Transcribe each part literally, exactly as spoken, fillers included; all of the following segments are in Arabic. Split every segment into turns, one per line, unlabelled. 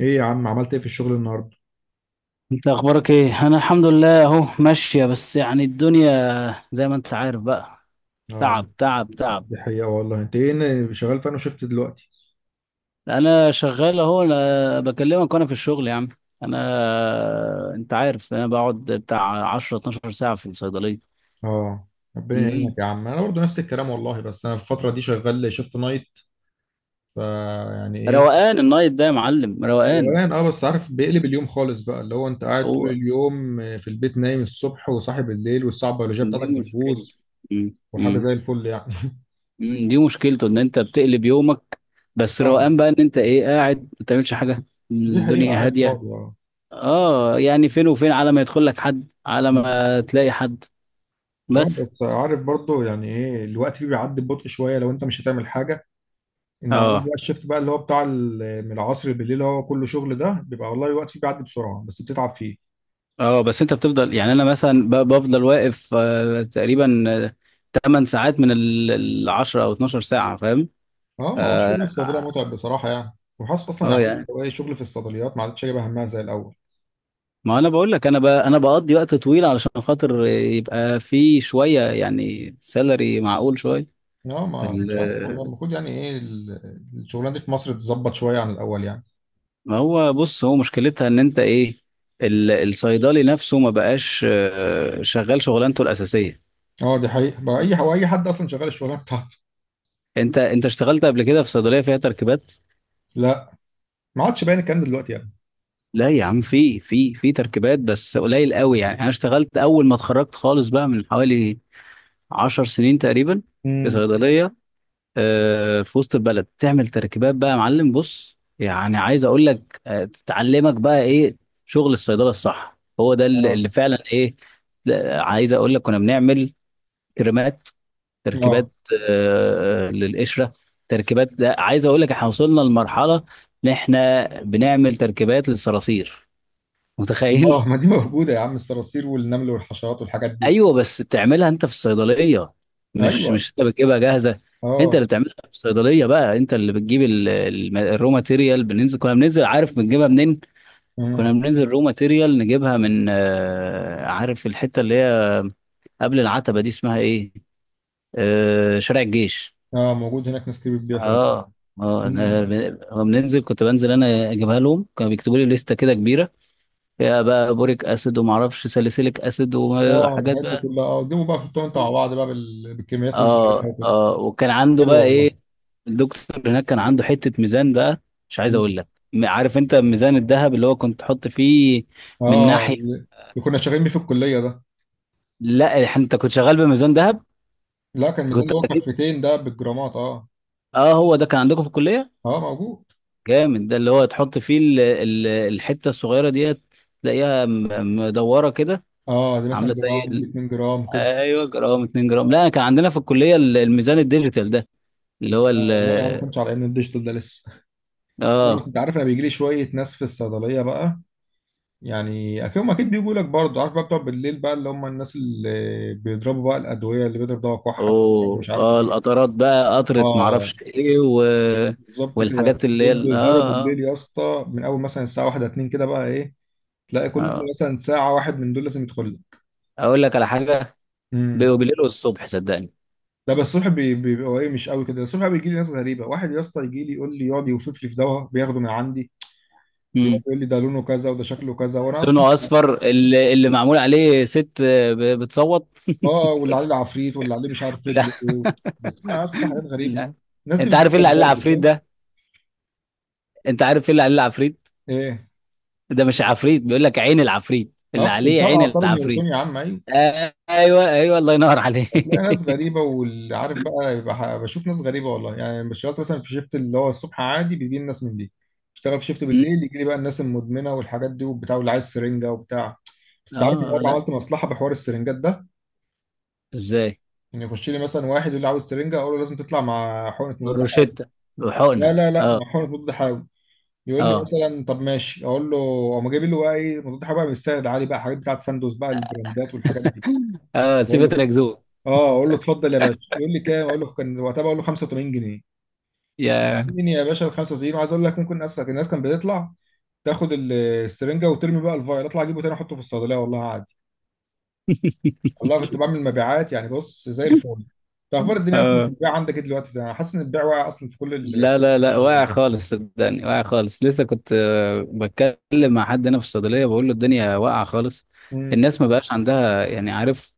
ايه يا عم، عملت ايه في الشغل النهارده؟
انت اخبارك ايه؟ انا الحمد لله اهو ماشيه، بس يعني الدنيا زي ما انت عارف بقى.
اه
تعب تعب تعب.
دي حقيقة والله. انت ايه شغال في؟ انا شفت دلوقتي.
انا شغال اهو، انا بكلمك وانا في الشغل يا عم. انا انت عارف، انا بقعد بتاع عشر 12 ساعه في الصيدليه.
اه ربنا يعينك
امم.
يا عم. انا برضه نفس الكلام والله، بس انا الفترة دي شغال شيفت نايت، فيعني ايه؟
روقان النايت ده يا معلم، روقان.
روقان. اه بس عارف، بيقلب اليوم خالص بقى، اللي هو انت قاعد طول
هو
اليوم في البيت، نايم الصبح وصاحي بالليل، والساعة البيولوجية
دي
بتاعتك بتبوظ.
مشكلته. امم
وحاجة
امم.
زي الفل يعني.
امم. دي مشكلته ان انت بتقلب يومك. بس
اه،
روقان بقى، ان انت ايه، قاعد ما بتعملش حاجه.
دي حقيقة.
الدنيا
قاعد
هاديه.
فاضي، اه.
اه يعني فين وفين على ما يدخل لك حد، على ما تلاقي حد،
اه
بس.
بس عارف برضه، يعني ايه، الوقت فيه بيعدي ببطء شوية لو انت مش هتعمل حاجة. انما هو
اه
بقى الشيفت بقى، اللي هو بتاع ال- من العصر بالليل، اللي هو كله شغل، ده بيبقى والله الوقت فيه بيعدي بسرعه، بس بتتعب فيه.
اه. بس انت بتفضل يعني، انا مثلا ب- بفضل واقف آه تقريبا آه، 8 ساعات من ال ال العشر او 12 ساعة، فاهم؟
اه، ما هو
اه
الشغل الصيدليه
اه.
متعب بصراحه يعني. وحاسس اصلا
آه،
يعني، عارف اللي
يعني
هو ايه، شغل في الصيدليات ما عادش جايبه همها زي الاول.
ما انا بقول لك، انا ب... انا بقضي وقت طويل علشان خاطر يبقى في شوية يعني سالري معقول شوية.
اه، ما مش عارف والله،
ال-
المفروض يعني ايه ال- الشغلانه دي في مصر تتظبط شويه عن الاول يعني.
ما هو بص، هو مشكلتها ان انت ايه، ال- الصيدلي نفسه ما بقاش آه، شغال شغلانته الأساسية.
اه دي حقيقه بقى، اي هو اي حد اصلا شغال الشغلانه بتاعته؟
انت انت اشتغلت قبل كده في صيدليه فيها تركيبات؟
لا، ما عادش باين الكلام ده دلوقتي يعني.
لا يا عم، في في في تركيبات، بس قليل قوي يعني. انا اشتغلت اول ما اتخرجت خالص بقى، من حوالي 10 سنين تقريبا، في
امم
صيدليه آه، في وسط البلد، تعمل تركيبات بقى يا معلم. بص يعني، عايز اقول لك آه، تتعلمك بقى ايه شغل الصيدله الصح. هو ده اللي
اه.
اللي فعلا ايه. لا، عايز اقول لك، كنا بنعمل كريمات،
اه.
تركيبات آه، للقشره. تركيبات، ده عايز اقول لك احنا وصلنا لمرحله ان احنا بنعمل تركيبات للصراصير.
اه،
متخيل؟
ما دي موجوده يا عم، الصراصير والنمل والحشرات والحاجات دي.
ايوه، بس تعملها انت في الصيدليه، مش
ايوه.
مش انت بتجيبها جاهزه. انت
اه.
اللي بتعملها في الصيدليه بقى. انت اللي بتجيب ال- ال- الرو ماتيريال. بننزل كنا بننزل، عارف بنجيبها منين؟ كنا
مم.
بننزل رو ماتيريال، نجيبها من آه، عارف الحته اللي هي قبل العتبه دي، اسمها ايه، آه، شارع الجيش.
اه، موجود هناك ناس كتير بتبيع فعلا.
اه اه. انا
مم.
لما بننزل، كنت بنزل انا اجيبها لهم. كانوا بيكتبوا لي لستة كده كبيرة، فيها بقى بوريك اسيد، وما اعرفش ساليسيليك اسيد،
اه،
وحاجات
الحاجات دي
بقى.
كلها اه، قدموا بقى حطهم انتوا مع بعض بقى بال- بالكميات اللي انت عارفها
اه
وكده.
اه. وكان عنده
حلو
بقى
والله.
ايه، الدكتور هناك، كان عنده حتة ميزان بقى، مش عايز
مم.
اقول لك. م- عارف انت ميزان الذهب، اللي هو كنت تحط فيه من
اه،
ناحية؟
اللي كنا شغالين بيه في الكليه ده.
لا، إح- انت كنت شغال بميزان ذهب؟
لا، كان
انت
ميزان
كنت
اللي هو
اكيد،
كفتين ده، بالجرامات اه.
اه، هو ده كان عندكم في الكلية.
اه موجود.
جامد، ده اللي هو تحط فيه ال- ال- الحتة الصغيرة ديت، تلاقيها م- مدورة كده،
اه، دي
عامله
مثلا
زي
جرام، دي
ال...
اتنين جرام كده.
ايوه، جرام، 2 جرام. لا، كان عندنا في الكليه ال- الميزان الديجيتال ده، اللي هو ال
اه، لا يا عم، ما كنتش على ان الديجيتال ده لسه. لا، بس
اه.
انت عارف، انا بيجي لي شويه ناس في الصيدليه بقى، يعني اكيد هم اكيد بيجوا لك برضه، عارف بقى، بتوع بالليل بقى، اللي هم الناس اللي بيضربوا بقى الادويه، اللي بيضرب دواء كحه،
اوه،
مش عارف
اه،
ايه.
القطرات بقى، قطره
اه،
معرفش ايه و...
بالظبط كده.
والحاجات اللي
دول
هي ال-
بيظهروا
اه
بالليل
اه
يا اسطى من اول مثلا الساعه واحده اتنين كده بقى ايه، تلاقي كل
اه،
مثلا ساعه واحد من دول لازم يدخل لك.
اقول لك على حاجه،
امم
بيبقوا بالليل والصبح، صدقني.
لا، بس الصبح بي- بيبقى ايه، مش قوي كده. الصبح بيجي لي ناس غريبه، واحد يا اسطى يجي لي يقول لي، يقعد يوصف لي في دواء بياخده من عندي، ويقعد
امم.
يقول لي ده لونه كذا، وده شكله كذا، وانا اصلا،
لونه اصفر، اللي, اللي معمول عليه ست ب- بتصوت.
اه واللي عليه العفريت، واللي عليه مش عارف
لا.
رجل ايه. بتسمع يا اسطى حاجات غريبه.
لا،
الناس دي
انت عارف
بتجيب
ايه
لك
اللي عليه
برضه،
العفريت
فاهم؟
ده؟ انت عارف ايه اللي عليه العفريت؟
ايه؟
ده مش عفريت، بيقول لك عين العفريت، اللي
اه،
عليه
بتاع
عين
اعصاب النيوتون
العفريت.
يا عم، ايوه.
ايوه ايوه، الله ينور
هتلاقي
عليك.
ناس غريبة، واللي عارف بقى يبقى ح- بشوف ناس غريبة والله يعني. بس اشتغلت مثلا في شيفت اللي هو الصبح عادي، بيجي لي الناس من دي. اشتغل في شيفت
م.
بالليل، يجي لي بقى الناس المدمنة والحاجات دي وبتاع، واللي عايز سرنجة وبتاع. بس
اه،
انت عارف إن
آه،
مرة
لا،
عملت مصلحة بحوار السرنجات ده؟
ازاي؟
ان يخش لي مثلا واحد يقول لي عاوز سرنجة، اقول له لازم تطلع مع حقنة مضاد حيوي.
بروشيتا،
لا
وحقنه،
لا لا
اه.
مع حقنة مضاد حيوي. يقول لي
اه
مثلا طب ماشي، اقول له، اقوم جايب له بقى ايه، مضاد حيوي بقى مش سعر عالي بقى، حاجات بتاعت ساندوز بقى، البراندات والحاجات دي.
اه،
بقول
سيبت
له،
الاكذوب.
اه اقول له اتفضل يا باشا. يقول لي كام؟ اقول له، كان وقتها بقول له خمسة وثمانين جنيها.
يا.
مين يا باشا، ال خمسة وتلاتين؟ وعايز اقول لك، ممكن الناس الناس كانت بتطلع تاخد ال- السرنجه وترمي بقى الفايل، اطلع اجيبه تاني احطه في الصيدليه والله عادي. والله كنت بعمل مبيعات يعني، بص زي الفل. طب اخبار الدنيا اصلا في
اه
البيع عندك ايه دلوقتي؟ انا حاسس ان البيع واقع اصلا في كل ال.
لا لا لا، واقع خالص صدقني، واقع خالص. لسه كنت آه، بتكلم مع حد هنا في الصيدليه، بقول له الدنيا واقعه خالص.
امم
الناس ما بقاش عندها، يعني عارف،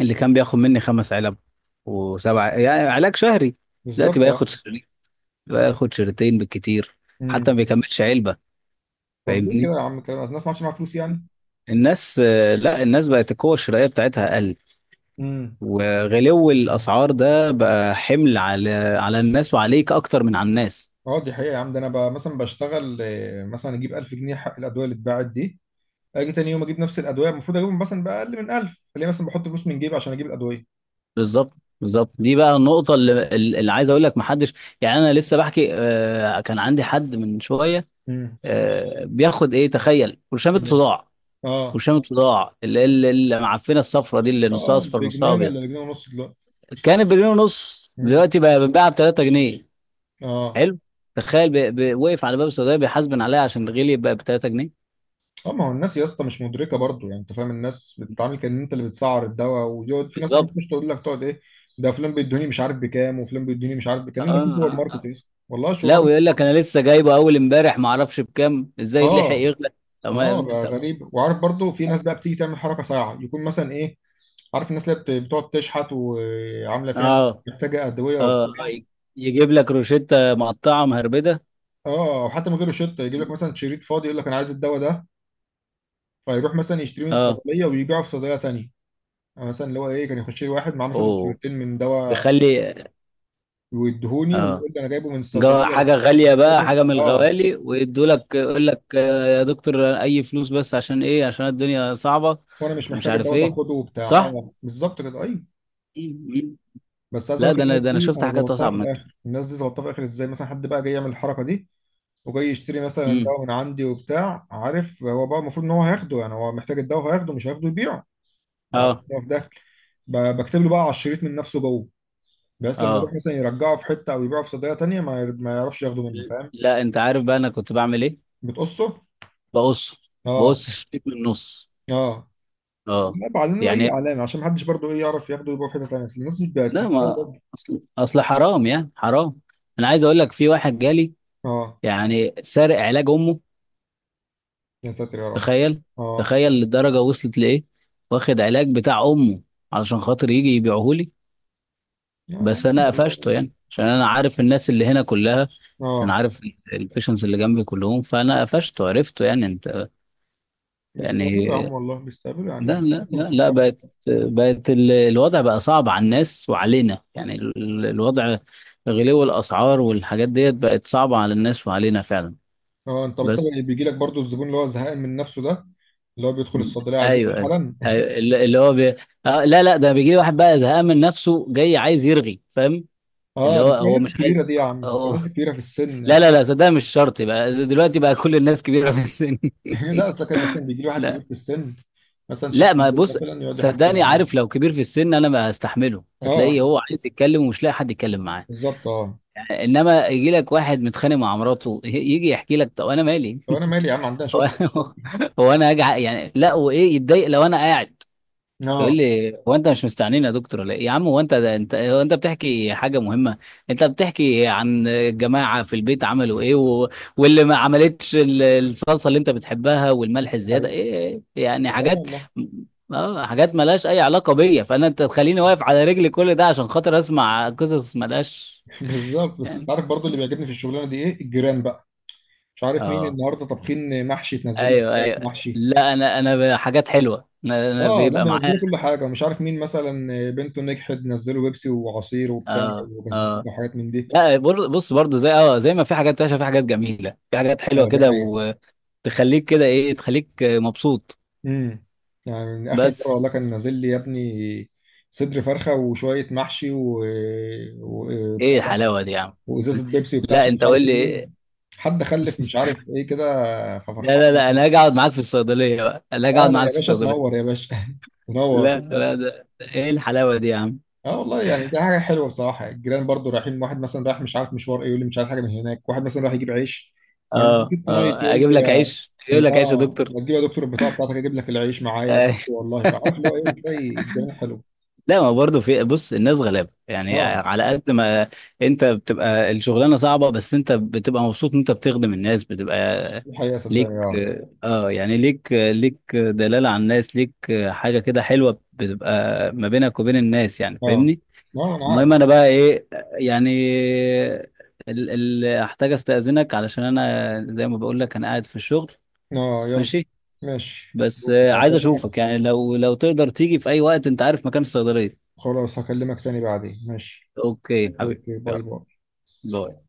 اللي كان بياخد مني خمس علب وسبعه، يعني علاج شهري، دلوقتي
بالظبط
بقى
اه.
ياخد شريط، بقى ياخد شريطين بالكتير، حتى ما
امم
بيكملش علبه.
طب ليه كده
فاهمني؟
يا عم؟ كده الناس ما عادش معاها فلوس يعني؟
الناس آه، لا الناس بقت القوة الشرائية بتاعتها أقل،
امم
وغلو الأسعار ده بقى حمل على على الناس وعليك، أكتر من على الناس.
اه دي حقيقه يا عم. ده انا بقى مثلا بشتغل، آه، مثلا اجيب الف جنيه حق الادويه اللي اتباعت دي، اجي تاني يوم اجيب نفس الادويه، المفروض اجيبهم مثلا باقل من ألف، ليه مثلا بحط فلوس من جيبي عشان اجيب الادويه؟
بالظبط، بالظبط، دي بقى النقطة اللي, اللي عايز أقول لك محدش، يعني. أنا لسه بحكي، آه، كان عندي حد من شوية،
امم
آه، بياخد إيه، تخيل، برشامة صداع.
اه
برشامة صداع اللي اللي اللي معفنة الصفرة دي، اللي نصها
اه.
أصفر نصها
بجنيه
أبيض،
ولا بجنيه ونص دلوقتي؟
كانت بجنيه ونص،
مم.
دلوقتي بقى بتتباع ب تلات جنيه.
اه.
حلو. تخيل، بي... بي... وقف على باب السعوديه بيحاسبن عليها عشان الغلي، بقى ب تلات جنيه.
اه، ما هو الناس يا اسطى مش مدركه برضو يعني، انت فاهم، الناس بتتعامل كان انت اللي بتسعر الدواء، ويقعد في ناس اصلا
بالظبط،
مش تقول لك، تقعد ايه، ده فلان بيدوني مش عارف بكام، وفلان بيدوني مش عارف
اه.
بكام. ده في سوبر
آه،
ماركت
آه.
يا اسطى والله
لا،
الشغلانه.
ويقول لك انا لسه جايبه اول امبارح، ما اعرفش بكام، ازاي لحق
اه.
يغلى؟ طب
اه،
ما-
بقى
طب.
غريب. وعارف برضو، في ناس بقى بتيجي تعمل حركه، ساعه يكون مثلا ايه، عارف الناس اللي بت- بتقعد تشحت، وعامله فيها
اه
محتاجه ادويه
اه. آه،
وبتاع.
ي- يجيب لك روشته مقطعه مهربده.
اه، وحتى من غير روشته، يجيب لك مثلا شريط فاضي يقول لك انا عايز الدواء ده، فيروح مثلا يشتري من
اه.
صيدليه ويبيعه في صيدليه تانيه. يعني مثلا اللي هو ايه، كان يخش لي واحد معاه مثلا
اوه،
سيرتين من دواء
بيخلي.
ويديهوني،
اه،
ويقول لي انا جايبه من
جو
الصيدليه بس
حاجه
مش
غاليه بقى،
محتاجه،
حاجه من
اه
الغوالي، ويدوا لك، يقول لك آه، يا دكتور، اي فلوس بس، عشان ايه، عشان الدنيا صعبه،
وانا مش
ومش
محتاج
عارف
الدواء ده
ايه.
خده وبتاع.
صح.
اه بالظبط كده، ايوه. بس عايز
لا،
اقول لك،
ده انا
الناس
ده انا
دي
شفت
انا
حاجات
ظبطتها
اصعب
في
من كده.
الاخر. الناس دي ظبطتها في الاخر ازاي، مثلا حد بقى جاي يعمل الحركه دي، وجاي يشتري مثلا
امم.
دواء من عندي وبتاع، عارف هو بقى المفروض ان هو هياخده يعني، هو محتاج الدواء هياخده، مش هياخده يبيعه. لا،
اه
أصل هو في داخل، ب- بكتب له بقى على الشريط من نفسه جوه، بس لما يروح
اه.
مثلا يرجعه في حته، او يبيعه في صيدليه تانيه، ما ير- ما يعرفش ياخده منه، فاهم؟
لا انت عارف بقى انا كنت بعمل ايه؟
بتقصه؟
بقص
اه.
بقص الشريط من النص.
اه.
اه.
لا، بعلم له اي
يعني
علامه عشان محدش برضه ايه، يعرف ياخده يبقى في حته تانيه. أصل الناس مش بقت
لا،
كتير أوي
ما...
برضه.
اصل اصل حرام يعني، حرام. انا عايز اقول لك، في واحد جالي،
اه.
يعني سارق علاج امه.
يا ساتر يا رب.
تخيل.
اه.
تخيل للدرجه وصلت لايه، واخد علاج بتاع امه علشان خاطر يجي يبيعه لي.
يا
بس
عم
انا قفشته
والله.
يعني، عشان انا عارف الناس اللي هنا كلها، انا
اه.
عارف البيشنس اللي جنبي كلهم، فانا قفشته، عرفته، يعني انت. يعني
بيستقبلوا يا عم والله، بيستقبلوا يعني،
لا لا
الناس ما
لا لا،
بتفكرش.
بقت بقت ال- الوضع بقى صعب على الناس وعلينا، يعني ال- الوضع. غلو الأسعار والحاجات ديت بقت صعبة على الناس وعلينا فعلا.
اه، انت انت
بس.
بيجي لك برضه الزبون اللي هو زهقان من نفسه ده، اللي هو بيدخل
م.
الصيدليه عايز يمشي
ايوه
حالا.
ايوه، اللي اللي هو بي... آه لا لا، ده بيجي لي واحد بقى زهقان من نفسه، جاي عايز يرغي، فاهم؟ اللي
اه، دي
هو
بتبقى
هو
الناس
مش
الكبيره
عايز،
دي يا عم، بتبقى
هو.
الناس الكبيره في السن يعني.
لا لا لا، صدق، مش شرط بقى دلوقتي بقى كل الناس كبيرة في السن.
لا، اصل كان مثلا بيجي لي واحد كبير
لا.
في السن، مثلا
لا،
شفت
ما،
بالليل
بص،
مثلا يقعد يحكي
صدقني.
معايا.
عارف لو كبير في السن انا ما هستحمله،
اه
هتلاقيه هو عايز يتكلم ومش لاقي حد يتكلم معاه.
بالظبط اه.
يعني، انما يجي لك واحد متخانق مع مراته، ي- يجي يحكي لك، طب انا مالي؟
طب انا مالي يا عم، عندها
هو.
شغل مش فاضي.
هو انا هاجي ع- يعني، لا، وايه، يتضايق لو انا قاعد؟ يقول
اه،
لي هو انت مش مستعنين يا دكتور ولا ايه يا عم، هو انت ده انت هو انت بتحكي حاجه مهمه. انت بتحكي عن الجماعه في البيت عملوا ايه، و... واللي ما عملتش ال- الصلصه اللي انت بتحبها،
ده
والملح الزياده،
حقيقي،
ايه إيه؟ يعني
سبحان
حاجات،
الله.
اه، حاجات ملهاش اي علاقه بيا، فانا، انت تخليني واقف على رجلي كل ده عشان خاطر اسمع قصص ملهاش،
بالظبط. بس انت
يعني.
عارف برضو، اللي بيعجبني في الشغلانه دي ايه؟ الجيران بقى. مش عارف مين
اه
النهارده طابخين محشي، تنزل لك
ايوه
شويه
ايوه،
محشي.
لا، انا انا حاجات حلوه، انا أنا
اه، لا
بيبقى معايا.
بينزلوا كل حاجه. ومش عارف مين مثلا بنته نجحت، نزلوا بيبسي وعصير وبتاع،
اه
وبسبوسه
اه.
وحاجات من دي.
لا، بر- بص، برضو زي، اه زي ما في حاجات وحشه، في حاجات جميله، في حاجات حلوه
اه دي
كده،
حقيقه.
وتخليك كده ايه، تخليك مبسوط.
امم يعني اخر مره
بس
والله كان نازل لي يا ابني صدر فرخه وشويه محشي و... و... بتاع-
ايه الحلاوه دي يا عم؟
وازازه بيبسي وبتاع،
لا،
عشان مش
انت قول
عارف
لي إيه؟
مين حد خلف مش عارف ايه كده،
لا
ففرحان
لا لا،
يعني.
انا هاجي اقعد معاك في الصيدليه بقى، انا هاجي اقعد
تعالى
معاك
يا
في
باشا، تنور
الصيدليه.
يا باشا. تنور،
لا
تصدق؟
لا، ده ده ايه الحلاوه دي يا عم؟
اه والله يعني ده حاجه حلوه بصراحه. الجيران برضو رايحين، واحد مثلا رايح مش عارف مشوار ايه، يقول لي مش عارف حاجه من هناك. واحد مثلا رايح يجيب عيش، وانا مثلا
اه
كنت نايت،
اه،
يقول
اجيب
لي،
لك عيش، اجيب
ما
لك عيش يا
اه
دكتور.
ما تجيب يا دكتور البطاقه بتاعتك، اجيب لك العيش معايا والله. فعارف اللي هو ايه، بتلاقي الجيران حلو.
لا، ما برضه في، بص، الناس غلابه يعني،
اه
على قد ما انت بتبقى الشغلانه صعبه، بس انت بتبقى مبسوط ان انت بتخدم الناس، بتبقى
الحقيقة
ليك،
صدقني، اه.
اه يعني، ليك ليك دلاله على الناس، ليك حاجه كده حلوه بتبقى ما بينك وبين الناس، يعني،
اه.
فاهمني؟
اه انا عارف.
المهم، انا بقى ايه يعني، ال ال احتاج استاذنك، علشان انا زي ما بقول لك انا قاعد في الشغل.
اه، يلا.
ماشي.
ماشي.
بس
بكرة
آه، عايز
هكلمك.
اشوفك يعني، لو لو تقدر تيجي في اي وقت، انت عارف مكان الصيدليه.
خلاص، هكلمك تاني بعدين. ماشي.
اوكي حبيبي
اوكي، باي
يلا.
باي.
باي.